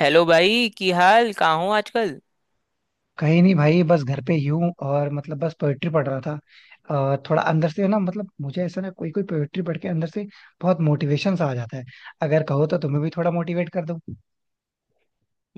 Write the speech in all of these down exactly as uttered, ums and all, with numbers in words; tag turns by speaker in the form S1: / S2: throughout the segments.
S1: Hello भाई की हाल कहाँ हो आजकल।
S2: कहीं नहीं भाई, बस घर पे ही हूँ। और मतलब बस पोएट्री पढ़ रहा था। अ, थोड़ा अंदर से ना, मतलब मुझे ऐसा ना कोई कोई पोएट्री पढ़ के अंदर से बहुत मोटिवेशन सा आ जाता है। अगर कहो तो तुम्हें भी थोड़ा मोटिवेट कर दूँ।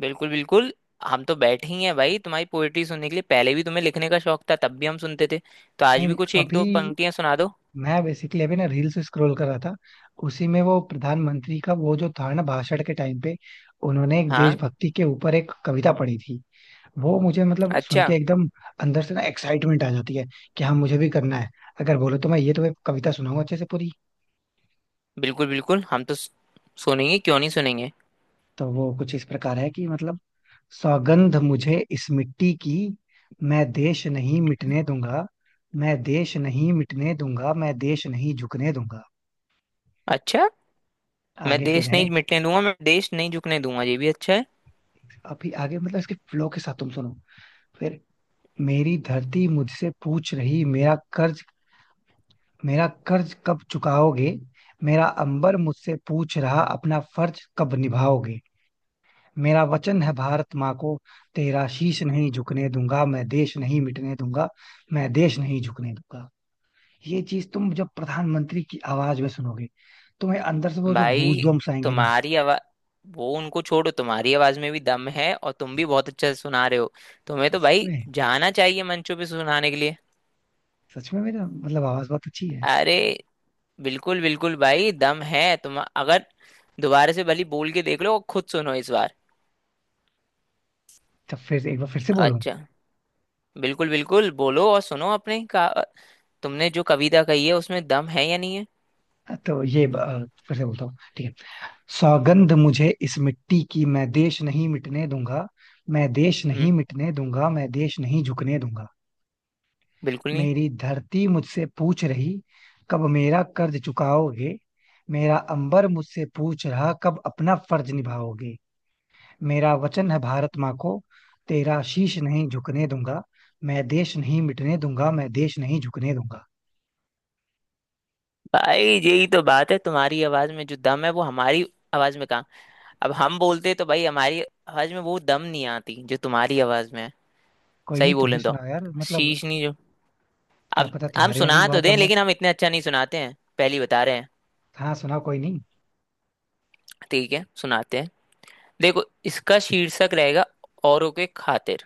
S1: बिल्कुल बिल्कुल। हम तो बैठे ही हैं भाई तुम्हारी पोएट्री सुनने के लिए। पहले भी तुम्हें लिखने का शौक था, तब भी हम सुनते थे, तो आज
S2: नहीं
S1: भी
S2: नहीं,
S1: कुछ एक
S2: अभी
S1: दो पंक्तियां सुना दो।
S2: मैं बेसिकली अभी ना रील्स स्क्रॉल कर रहा था। उसी में वो प्रधानमंत्री का वो जो था ना, भाषण के टाइम पे उन्होंने एक
S1: हाँ।
S2: देशभक्ति के ऊपर एक कविता पढ़ी थी। वो मुझे मतलब सुन
S1: अच्छा।
S2: के एकदम अंदर से ना एक्साइटमेंट आ जाती है कि हाँ, मुझे भी करना है। अगर बोलो तो मैं ये तुम्हें कविता सुनाऊंगा अच्छे से पूरी।
S1: बिल्कुल बिल्कुल। हम तो सु- सुनेंगे क्यों नहीं सुनेंगे।
S2: तो वो कुछ इस प्रकार है कि मतलब, सौगंध मुझे इस मिट्टी की, मैं देश नहीं मिटने दूंगा। मैं देश नहीं मिटने दूंगा, मैं देश नहीं झुकने दूंगा।
S1: अच्छा। मैं
S2: आगे फिर
S1: देश
S2: है,
S1: नहीं मिटने दूंगा, मैं देश नहीं झुकने दूंगा, ये भी अच्छा है।
S2: अभी आगे मतलब इसके फ्लो के साथ तुम सुनो। फिर, मेरी धरती मुझसे पूछ रही, मेरा कर्ज, मेरा कर्ज कब चुकाओगे। मेरा अंबर मुझसे पूछ रहा, अपना फर्ज कब निभाओगे। मेरा वचन है भारत माँ को, तेरा शीश नहीं झुकने दूंगा। मैं देश नहीं मिटने दूंगा, मैं देश नहीं झुकने दूंगा। ये चीज तुम जब प्रधानमंत्री की आवाज में सुनोगे, तुम्हें अंदर से वो जो
S1: भाई
S2: गूज बम्स आएंगे ना,
S1: तुम्हारी आवाज, वो उनको छोड़ो, तुम्हारी आवाज में भी दम है और तुम भी बहुत अच्छा सुना रहे हो। तुम्हें तो
S2: सच
S1: भाई
S2: में।
S1: जाना चाहिए मंचों पे सुनाने के लिए।
S2: सच में मेरा मतलब आवाज बहुत अच्छी है।
S1: अरे बिल्कुल बिल्कुल भाई, दम है तुम अगर दोबारा से भली बोल के देख लो और खुद सुनो इस बार।
S2: तो फिर एक बार फिर से बोलूं।
S1: अच्छा। बिल्कुल बिल्कुल, बोलो और सुनो अपने का। तुमने जो कविता कही है उसमें दम है या नहीं है।
S2: तो ये अ, फिर से बोलता हूँ, ठीक है। सौगंध मुझे इस मिट्टी की, मैं देश नहीं मिटने दूंगा। मैं देश नहीं
S1: हम्म।
S2: मिटने दूंगा, मैं देश नहीं झुकने दूंगा।
S1: बिल्कुल नहीं।
S2: मेरी धरती मुझसे पूछ रही, कब मेरा कर्ज चुकाओगे। मेरा अंबर मुझसे पूछ रहा, कब अपना फर्ज निभाओगे। मेरा वचन है भारत माँ को, तेरा शीश नहीं झुकने दूंगा। मैं देश नहीं मिटने दूंगा, मैं देश नहीं झुकने दूंगा।
S1: भाई यही तो बात है, तुम्हारी आवाज में जो दम है वो हमारी आवाज में कहाँ। अब हम बोलते तो भाई हमारी आवाज में वो दम नहीं आती जो तुम्हारी आवाज में है।
S2: कोई नहीं,
S1: सही
S2: तुम भी
S1: बोलें तो
S2: सुनाओ यार, मतलब
S1: शीश नहीं जो।
S2: क्या
S1: अब
S2: पता
S1: हम
S2: तुम्हारे में
S1: सुना
S2: भी
S1: तो
S2: बहुत दम
S1: दें
S2: हो।
S1: लेकिन हम इतने अच्छा नहीं सुनाते हैं, पहली बता रहे हैं।
S2: हाँ सुनाओ, कोई नहीं।
S1: ठीक है सुनाते हैं। देखो इसका शीर्षक रहेगा औरों के खातिर।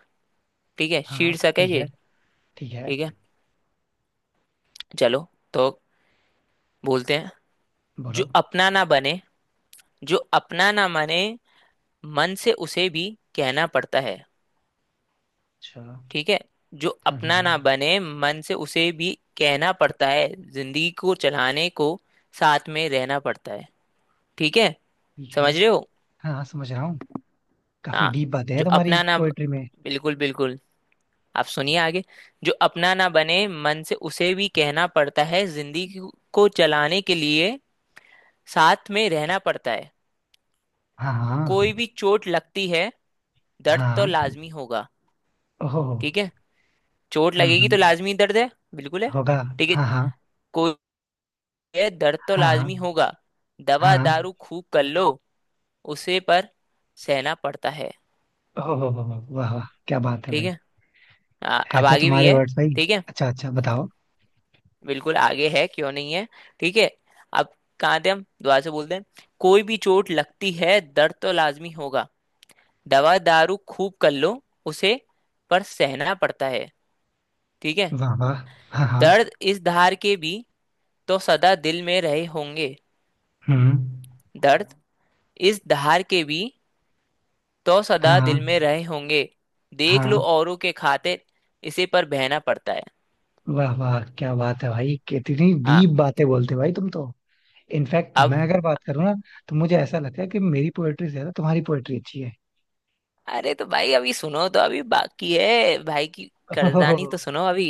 S1: ठीक है
S2: हाँ
S1: शीर्षक है
S2: ठीक है।
S1: ये।
S2: ठीक है,
S1: ठीक है, चलो, तो बोलते हैं। जो
S2: बोलो।
S1: अपना ना बने, जो अपना ना माने, मन से उसे भी कहना पड़ता है।
S2: अच्छा हाँ।
S1: ठीक है। जो
S2: हाँ
S1: अपना ना
S2: हाँ,
S1: बने मन से उसे भी कहना पड़ता है, जिंदगी को चलाने को साथ में रहना पड़ता है। ठीक है।
S2: ठीक है।
S1: समझ रहे हो।
S2: हाँ हाँ, समझ रहा हूँ। काफी
S1: हाँ।
S2: डीप बातें हैं
S1: जो
S2: तुम्हारी
S1: अपना ना,
S2: पोएट्री में।
S1: बिल्कुल बिल्कुल, आप सुनिए आगे। जो अपना ना बने मन से उसे भी कहना पड़ता है जिंदगी को चलाने के लिए साथ में रहना पड़ता है।
S2: हाँ।
S1: कोई
S2: हाँ।
S1: भी चोट लगती है, दर्द तो
S2: हाँ।
S1: लाजमी होगा।
S2: ओह।
S1: ठीक है, चोट
S2: हम्म
S1: लगेगी तो
S2: हम्म,
S1: लाजमी दर्द है। बिल्कुल है।
S2: होगा।
S1: ठीक है।
S2: हाँ हाँ।
S1: कोई है, दर्द तो
S2: हाँ।
S1: लाजमी
S2: हाँ
S1: होगा, दवा
S2: हाँ।
S1: दारू खूब कर लो, उसे पर सहना पड़ता है।
S2: ओह हो, हो, हो, वाह वाह, क्या बात है
S1: ठीक
S2: भाई।
S1: है। आ-
S2: है
S1: अब
S2: तो
S1: आगे भी
S2: तुम्हारे
S1: है।
S2: वर्ड्स भाई।
S1: ठीक है,
S2: अच्छा अच्छा, बताओ।
S1: बिल्कुल आगे है, क्यों नहीं है। ठीक है। अब कहाँ थे हम, दोबारा से बोलते हैं। कोई भी चोट लगती है दर्द तो लाजमी होगा, दवा दारू खूब कर लो उसे पर सहना पड़ता है। ठीक है।
S2: वाह वाह। हाँ हाँ।
S1: दर्द इस धार के भी तो सदा दिल में रहे होंगे।
S2: हम्म।
S1: दर्द इस धार के भी तो
S2: हाँ
S1: सदा दिल में
S2: हाँ।
S1: रहे होंगे, देख लो
S2: हाँ।
S1: औरों के खातिर इसे पर बहना पड़ता है।
S2: वाह वाह, क्या बात है भाई, कितनी
S1: हाँ,
S2: डीप बातें बोलते हो भाई तुम तो। इनफैक्ट
S1: अब
S2: मैं अगर बात करूँ ना, तो मुझे ऐसा लगता है कि मेरी पोएट्री से ज्यादा तुम्हारी पोएट्री अच्छी है।
S1: अरे तो भाई अभी सुनो, तो अभी बाकी है भाई की
S2: ओह हो, हो,
S1: कड़दानी,
S2: हो,
S1: तो सुनो अभी।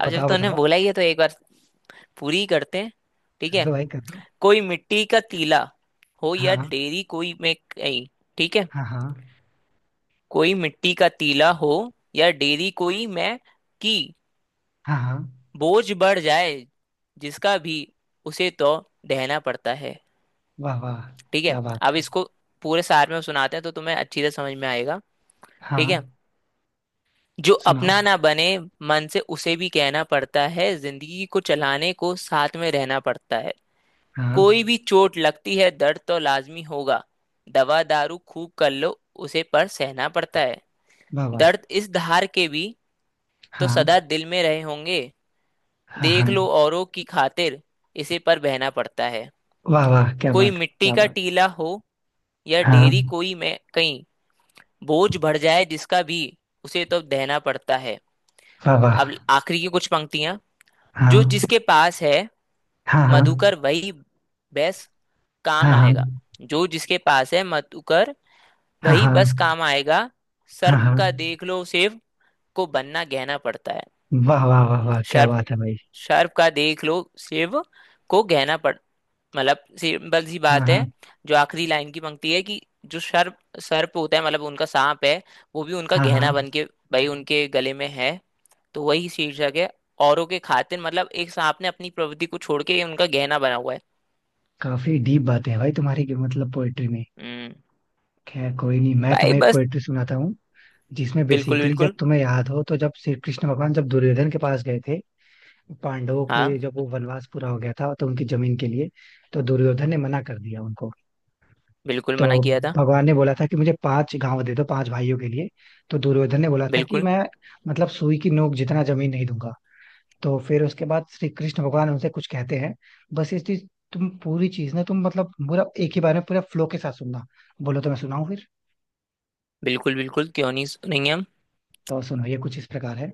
S1: अब जब
S2: बताओ
S1: तुमने
S2: बताओ।
S1: बोला ही है तो एक बार पूरी ही करते हैं। ठीक
S2: कर
S1: है।
S2: दो भाई, कर दो।
S1: कोई मिट्टी का तीला हो या
S2: हाँ
S1: डेरी कोई मैं कहीं। ठीक है।
S2: हाँ। हाँ
S1: कोई मिट्टी का तीला हो या डेरी कोई मैं की,
S2: हाँ। हाँ।
S1: बोझ बढ़ जाए जिसका भी, उसे तो ढहना पड़ता है।
S2: वाह वाह,
S1: ठीक है।
S2: क्या बात
S1: अब
S2: है।
S1: इसको पूरे सार में सुनाते हैं तो तुम्हें अच्छी तरह समझ में आएगा।
S2: हाँ
S1: ठीक है। जो
S2: सुनाओ।
S1: अपना ना बने मन से उसे भी कहना पड़ता है जिंदगी को चलाने को साथ में रहना पड़ता है। कोई
S2: हाँ।
S1: भी चोट लगती है दर्द तो लाजमी होगा, दवा दारू खूब कर लो उसे पर सहना पड़ता है।
S2: वाह वाह।
S1: दर्द इस धार के भी तो
S2: हाँ
S1: सदा दिल में रहे होंगे,
S2: हाँ। हाँ।
S1: देख लो औरों की खातिर इसे पर बहना पड़ता है।
S2: वाह वाह, क्या
S1: कोई
S2: बात,
S1: मिट्टी
S2: क्या
S1: का
S2: बात।
S1: टीला हो या डेरी
S2: हाँ।
S1: कोई में कहीं, बोझ बढ़ जाए जिसका भी उसे तो दहना पड़ता है।
S2: वाह वाह।
S1: अब आखिरी की कुछ पंक्तियां। जो
S2: हाँ
S1: जिसके पास है
S2: हाँ हाँ।
S1: मधुकर वही बेस
S2: हाँ
S1: काम
S2: हाँ।
S1: आएगा। जो जिसके पास है मधुकर
S2: हाँ।
S1: वही
S2: हाँ
S1: बस काम आएगा,
S2: हाँ।
S1: सर्प का
S2: हाँ।
S1: देख लो शिव को बनना गहना पड़ता है।
S2: वाह वाह वाह वाह, क्या
S1: सर्प,
S2: बात है भाई।
S1: सर्प का देख लो शिव को गहना पड़। मतलब सिंपल सी
S2: हाँ
S1: बात है,
S2: हाँ।
S1: जो आखिरी लाइन की पंक्ति है कि जो सर्प सर्प होता है, मतलब उनका सांप है, वो भी उनका
S2: हाँ
S1: गहना
S2: हाँ।
S1: बन के भाई उनके गले में है, तो वही शीर्षक है, औरों के खातिर, मतलब एक सांप ने अपनी प्रवृत्ति को छोड़ के उनका गहना बना हुआ है।
S2: काफी डीप बातें हैं भाई तुम्हारी की मतलब पोएट्री में।
S1: हम्म।
S2: खैर कोई नहीं, मैं
S1: भाई
S2: तुम्हें एक
S1: बस।
S2: पोएट्री सुनाता हूँ। जिसमें
S1: बिल्कुल
S2: बेसिकली, जब
S1: बिल्कुल।
S2: तुम्हें याद हो तो, जब श्री कृष्ण भगवान जब दुर्योधन के पास गए थे, पांडवों
S1: हाँ
S2: के जब वो वनवास पूरा हो गया था तो उनकी जमीन के लिए, तो दुर्योधन ने मना कर दिया उनको।
S1: बिल्कुल
S2: तो
S1: मना किया था।
S2: भगवान ने बोला था कि मुझे पांच गांव दे दो, पांच भाइयों के लिए। तो दुर्योधन ने बोला था कि
S1: बिल्कुल।
S2: मैं, मतलब सुई की नोक जितना जमीन नहीं दूंगा। तो फिर उसके बाद श्री कृष्ण भगवान उनसे कुछ कहते हैं। बस इस चीज, तुम पूरी चीज ना, तुम मतलब पूरा एक ही बार में पूरा फ्लो के साथ सुनना। बोलो तो मैं सुनाऊं फिर।
S1: बिल्कुल बिल्कुल क्यों नहीं सुनेंगे हम।
S2: तो सुनो, ये कुछ इस प्रकार है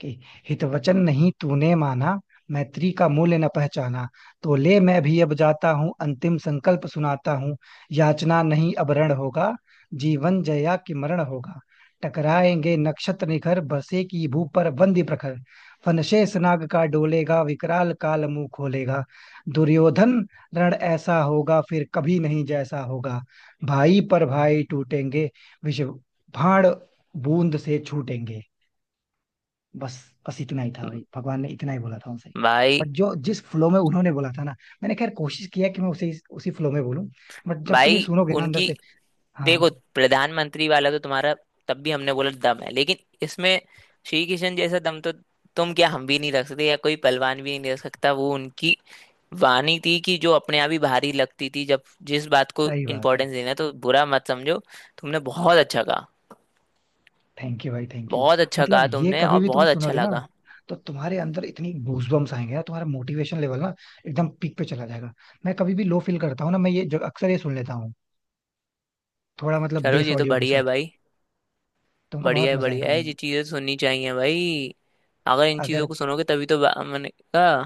S2: कि, हित वचन नहीं तूने माना, मैत्री का मूल्य न पहचाना। तो ले, मैं भी अब जाता हूँ, अंतिम संकल्प सुनाता हूँ। याचना नहीं अब रण होगा, जीवन जया कि मरण होगा। टकराएंगे नक्षत्र निखर, बसे की भू पर बंदी प्रखर। फनशेष नाग का डोलेगा, विकराल काल मुंह खोलेगा। दुर्योधन, रण ऐसा होगा, फिर कभी नहीं जैसा होगा। भाई पर भाई टूटेंगे, विष, भाण, बूंद से छूटेंगे। बस, बस इतना ही था भाई, भगवान ने इतना ही बोला था उनसे।
S1: भाई।
S2: बट जो जिस फ्लो में उन्होंने बोला था ना, मैंने खैर कोशिश किया कि मैं उसे उसी फ्लो में बोलूं। बट जब तुम ये
S1: भाई
S2: सुनोगे ना अंदर
S1: उनकी,
S2: से। हाँ।
S1: देखो, प्रधानमंत्री वाला तो तुम्हारा तब भी हमने बोला दम है, लेकिन इसमें श्री किशन जैसा दम तो तुम क्या हम भी नहीं रख सकते या कोई पहलवान भी नहीं रख सकता। वो उनकी वाणी थी कि जो अपने आप ही भारी लगती थी जब जिस बात को
S2: सही बात है।
S1: इम्पोर्टेंस देना है, तो बुरा मत समझो, तुमने बहुत अच्छा कहा।
S2: थैंक यू भाई, थैंक यू।
S1: बहुत अच्छा
S2: मतलब
S1: कहा
S2: ये
S1: तुमने
S2: कभी
S1: और
S2: भी तुम
S1: बहुत अच्छा
S2: सुनोगे ना,
S1: लगा।
S2: तो तुम्हारे अंदर इतनी गूजबम्स आएंगे ना, तुम्हारा मोटिवेशन लेवल ना एकदम पीक पे चला जाएगा। मैं कभी भी लो फील करता हूँ ना, मैं ये जो अक्सर ये सुन लेता हूँ, थोड़ा मतलब
S1: चलो
S2: बेस
S1: ये तो
S2: ऑडियो के
S1: बढ़िया है
S2: साथ।
S1: भाई।
S2: तुमको
S1: बढ़िया
S2: बहुत
S1: है
S2: मजा
S1: बढ़िया
S2: आएगा।
S1: है, ये चीजें सुननी चाहिए भाई। अगर इन चीजों
S2: अगर।
S1: को सुनोगे तभी तो बा- मैंने कहा।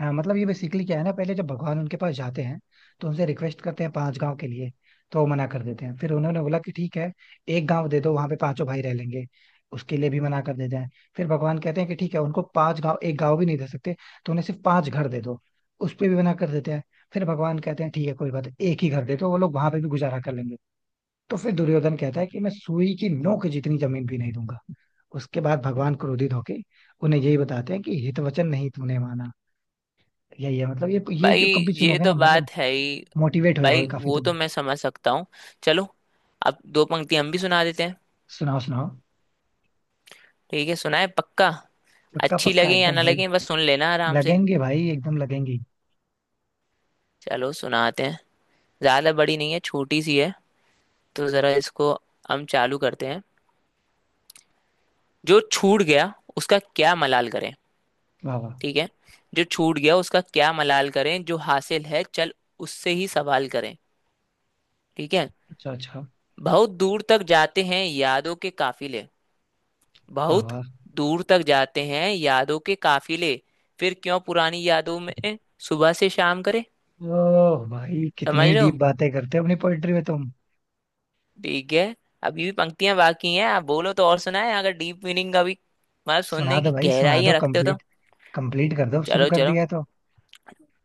S2: हाँ मतलब ये बेसिकली क्या है ना, पहले जब भगवान उनके पास जाते हैं तो उनसे रिक्वेस्ट करते हैं पांच गांव के लिए। तो वो मना कर देते हैं। फिर उन्होंने बोला कि ठीक है, एक गांव दे दो, वहां पे पांचों भाई रह लेंगे। उसके लिए भी मना कर देते हैं। फिर भगवान कहते हैं कि ठीक है, उनको पांच गांव एक गांव भी नहीं दे सकते तो उन्हें सिर्फ पांच घर दे दो। उस पे भी मना कर देते हैं। फिर भगवान कहते हैं ठीक है, कोई बात नहीं, एक ही घर दे दो, वो लोग वहां पे भी गुजारा कर लेंगे। तो फिर दुर्योधन कहता है कि मैं सुई की नोक जितनी जमीन भी नहीं दूंगा। उसके बाद भगवान क्रोधित होके उन्हें यही बताते हैं कि हित वचन नहीं तूने माना। यही है, मतलब ये ये
S1: भाई
S2: जो कभी
S1: ये
S2: सुनोगे
S1: तो
S2: ना, मतलब
S1: बात है ही।
S2: मोटिवेट हो जाओगे
S1: भाई
S2: काफी
S1: वो तो
S2: तुम।
S1: मैं समझ सकता हूँ। चलो, अब दो पंक्ति हम भी सुना देते हैं।
S2: सुनाओ सुनाओ।
S1: ठीक है सुनाए पक्का।
S2: पक्का
S1: अच्छी
S2: पक्का
S1: लगे या
S2: एकदम
S1: ना
S2: भाई।
S1: लगे बस सुन लेना आराम से।
S2: लगेंगे भाई, एकदम लगेंगे।
S1: चलो सुनाते हैं, ज्यादा बड़ी नहीं है, छोटी सी है। तो जरा इसको हम चालू करते हैं। जो छूट गया उसका क्या मलाल करें।
S2: वाह वाह।
S1: ठीक है। जो छूट गया उसका क्या मलाल करें, जो हासिल है चल उससे ही सवाल करें। ठीक है।
S2: अच्छा अच्छा।
S1: बहुत दूर तक जाते हैं यादों के काफिले,
S2: वाह
S1: बहुत
S2: वाह।
S1: दूर तक जाते हैं यादों के काफिले, फिर क्यों पुरानी यादों में सुबह से शाम करे।
S2: ओह भाई,
S1: समझ
S2: कितनी
S1: लो।
S2: डीप बातें करते हो अपनी पोएट्री में तुम।
S1: ठीक है। अभी भी पंक्तियां बाकी हैं, आप बोलो तो और सुनाए, अगर डीप मीनिंग का भी मतलब
S2: सुना
S1: सुनने
S2: दो
S1: की
S2: भाई, सुना दो
S1: गहराइयां रखते हो तो।
S2: कंप्लीट। कंप्लीट कर दो, अब शुरू
S1: चलो
S2: कर दिया
S1: चलो।
S2: है तो।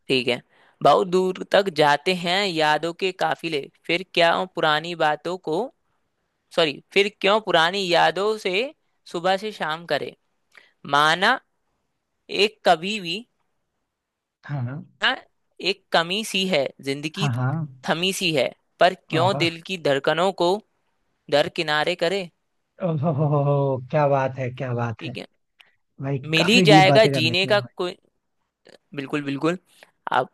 S1: ठीक है। बहुत दूर तक जाते हैं यादों के काफिले, फिर क्या पुरानी बातों को, सॉरी, फिर क्यों पुरानी यादों से सुबह से शाम करे, माना एक कभी भी
S2: हाँ। हाँ।
S1: ना, एक कमी सी है जिंदगी
S2: हाँ। हाँ।
S1: थमी सी है, पर
S2: वाह
S1: क्यों
S2: वाह।
S1: दिल की धड़कनों को दरकिनारे करे।
S2: ओह हो, हो, हो, हो, क्या बात है, क्या बात है
S1: ठीक है।
S2: भाई।
S1: मिल ही
S2: काफी डीप
S1: जाएगा
S2: बातें कर
S1: जीने
S2: लेते हो
S1: का
S2: भाई।
S1: कोई, बिल्कुल बिल्कुल आप,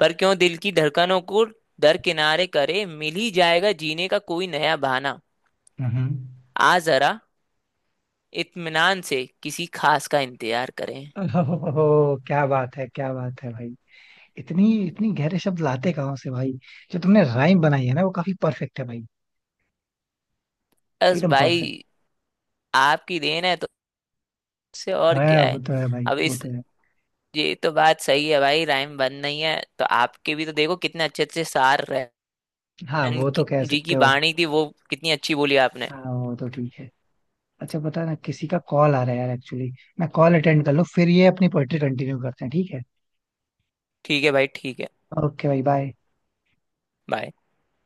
S1: पर क्यों दिल की धड़कनों को दरकिनारे करे, मिल ही जाएगा जीने का कोई नया बहाना,
S2: हम्म।
S1: आ जरा इत्मीनान से किसी खास का इंतजार करें।
S2: ओह, हो, हो, हो, क्या बात है, क्या बात है भाई। इतनी इतनी गहरे शब्द लाते कहाँ से भाई। जो तुमने राइम बनाई है ना, वो काफी परफेक्ट है भाई।
S1: बस
S2: एकदम परफेक्ट।
S1: भाई, आपकी देन है, तो उससे और
S2: है
S1: क्या
S2: वो,
S1: है।
S2: तो है भाई,
S1: अब
S2: वो
S1: इस,
S2: तो है।
S1: ये तो बात सही है भाई, राइम बन नहीं है तो आपके भी तो देखो कितने अच्छे अच्छे सार रहन
S2: हाँ, वो तो
S1: की
S2: कह
S1: जी
S2: सकते
S1: की
S2: हो।
S1: बाणी थी, वो कितनी अच्छी बोली आपने।
S2: हाँ, वो तो ठीक है। अच्छा, पता ना किसी का कॉल आ रहा है यार एक्चुअली। मैं कॉल अटेंड कर लूँ, फिर ये अपनी पोएट्री कंटिन्यू करते हैं, ठीक है।
S1: ठीक है भाई ठीक है।
S2: ओके भाई, बाय।
S1: बाय।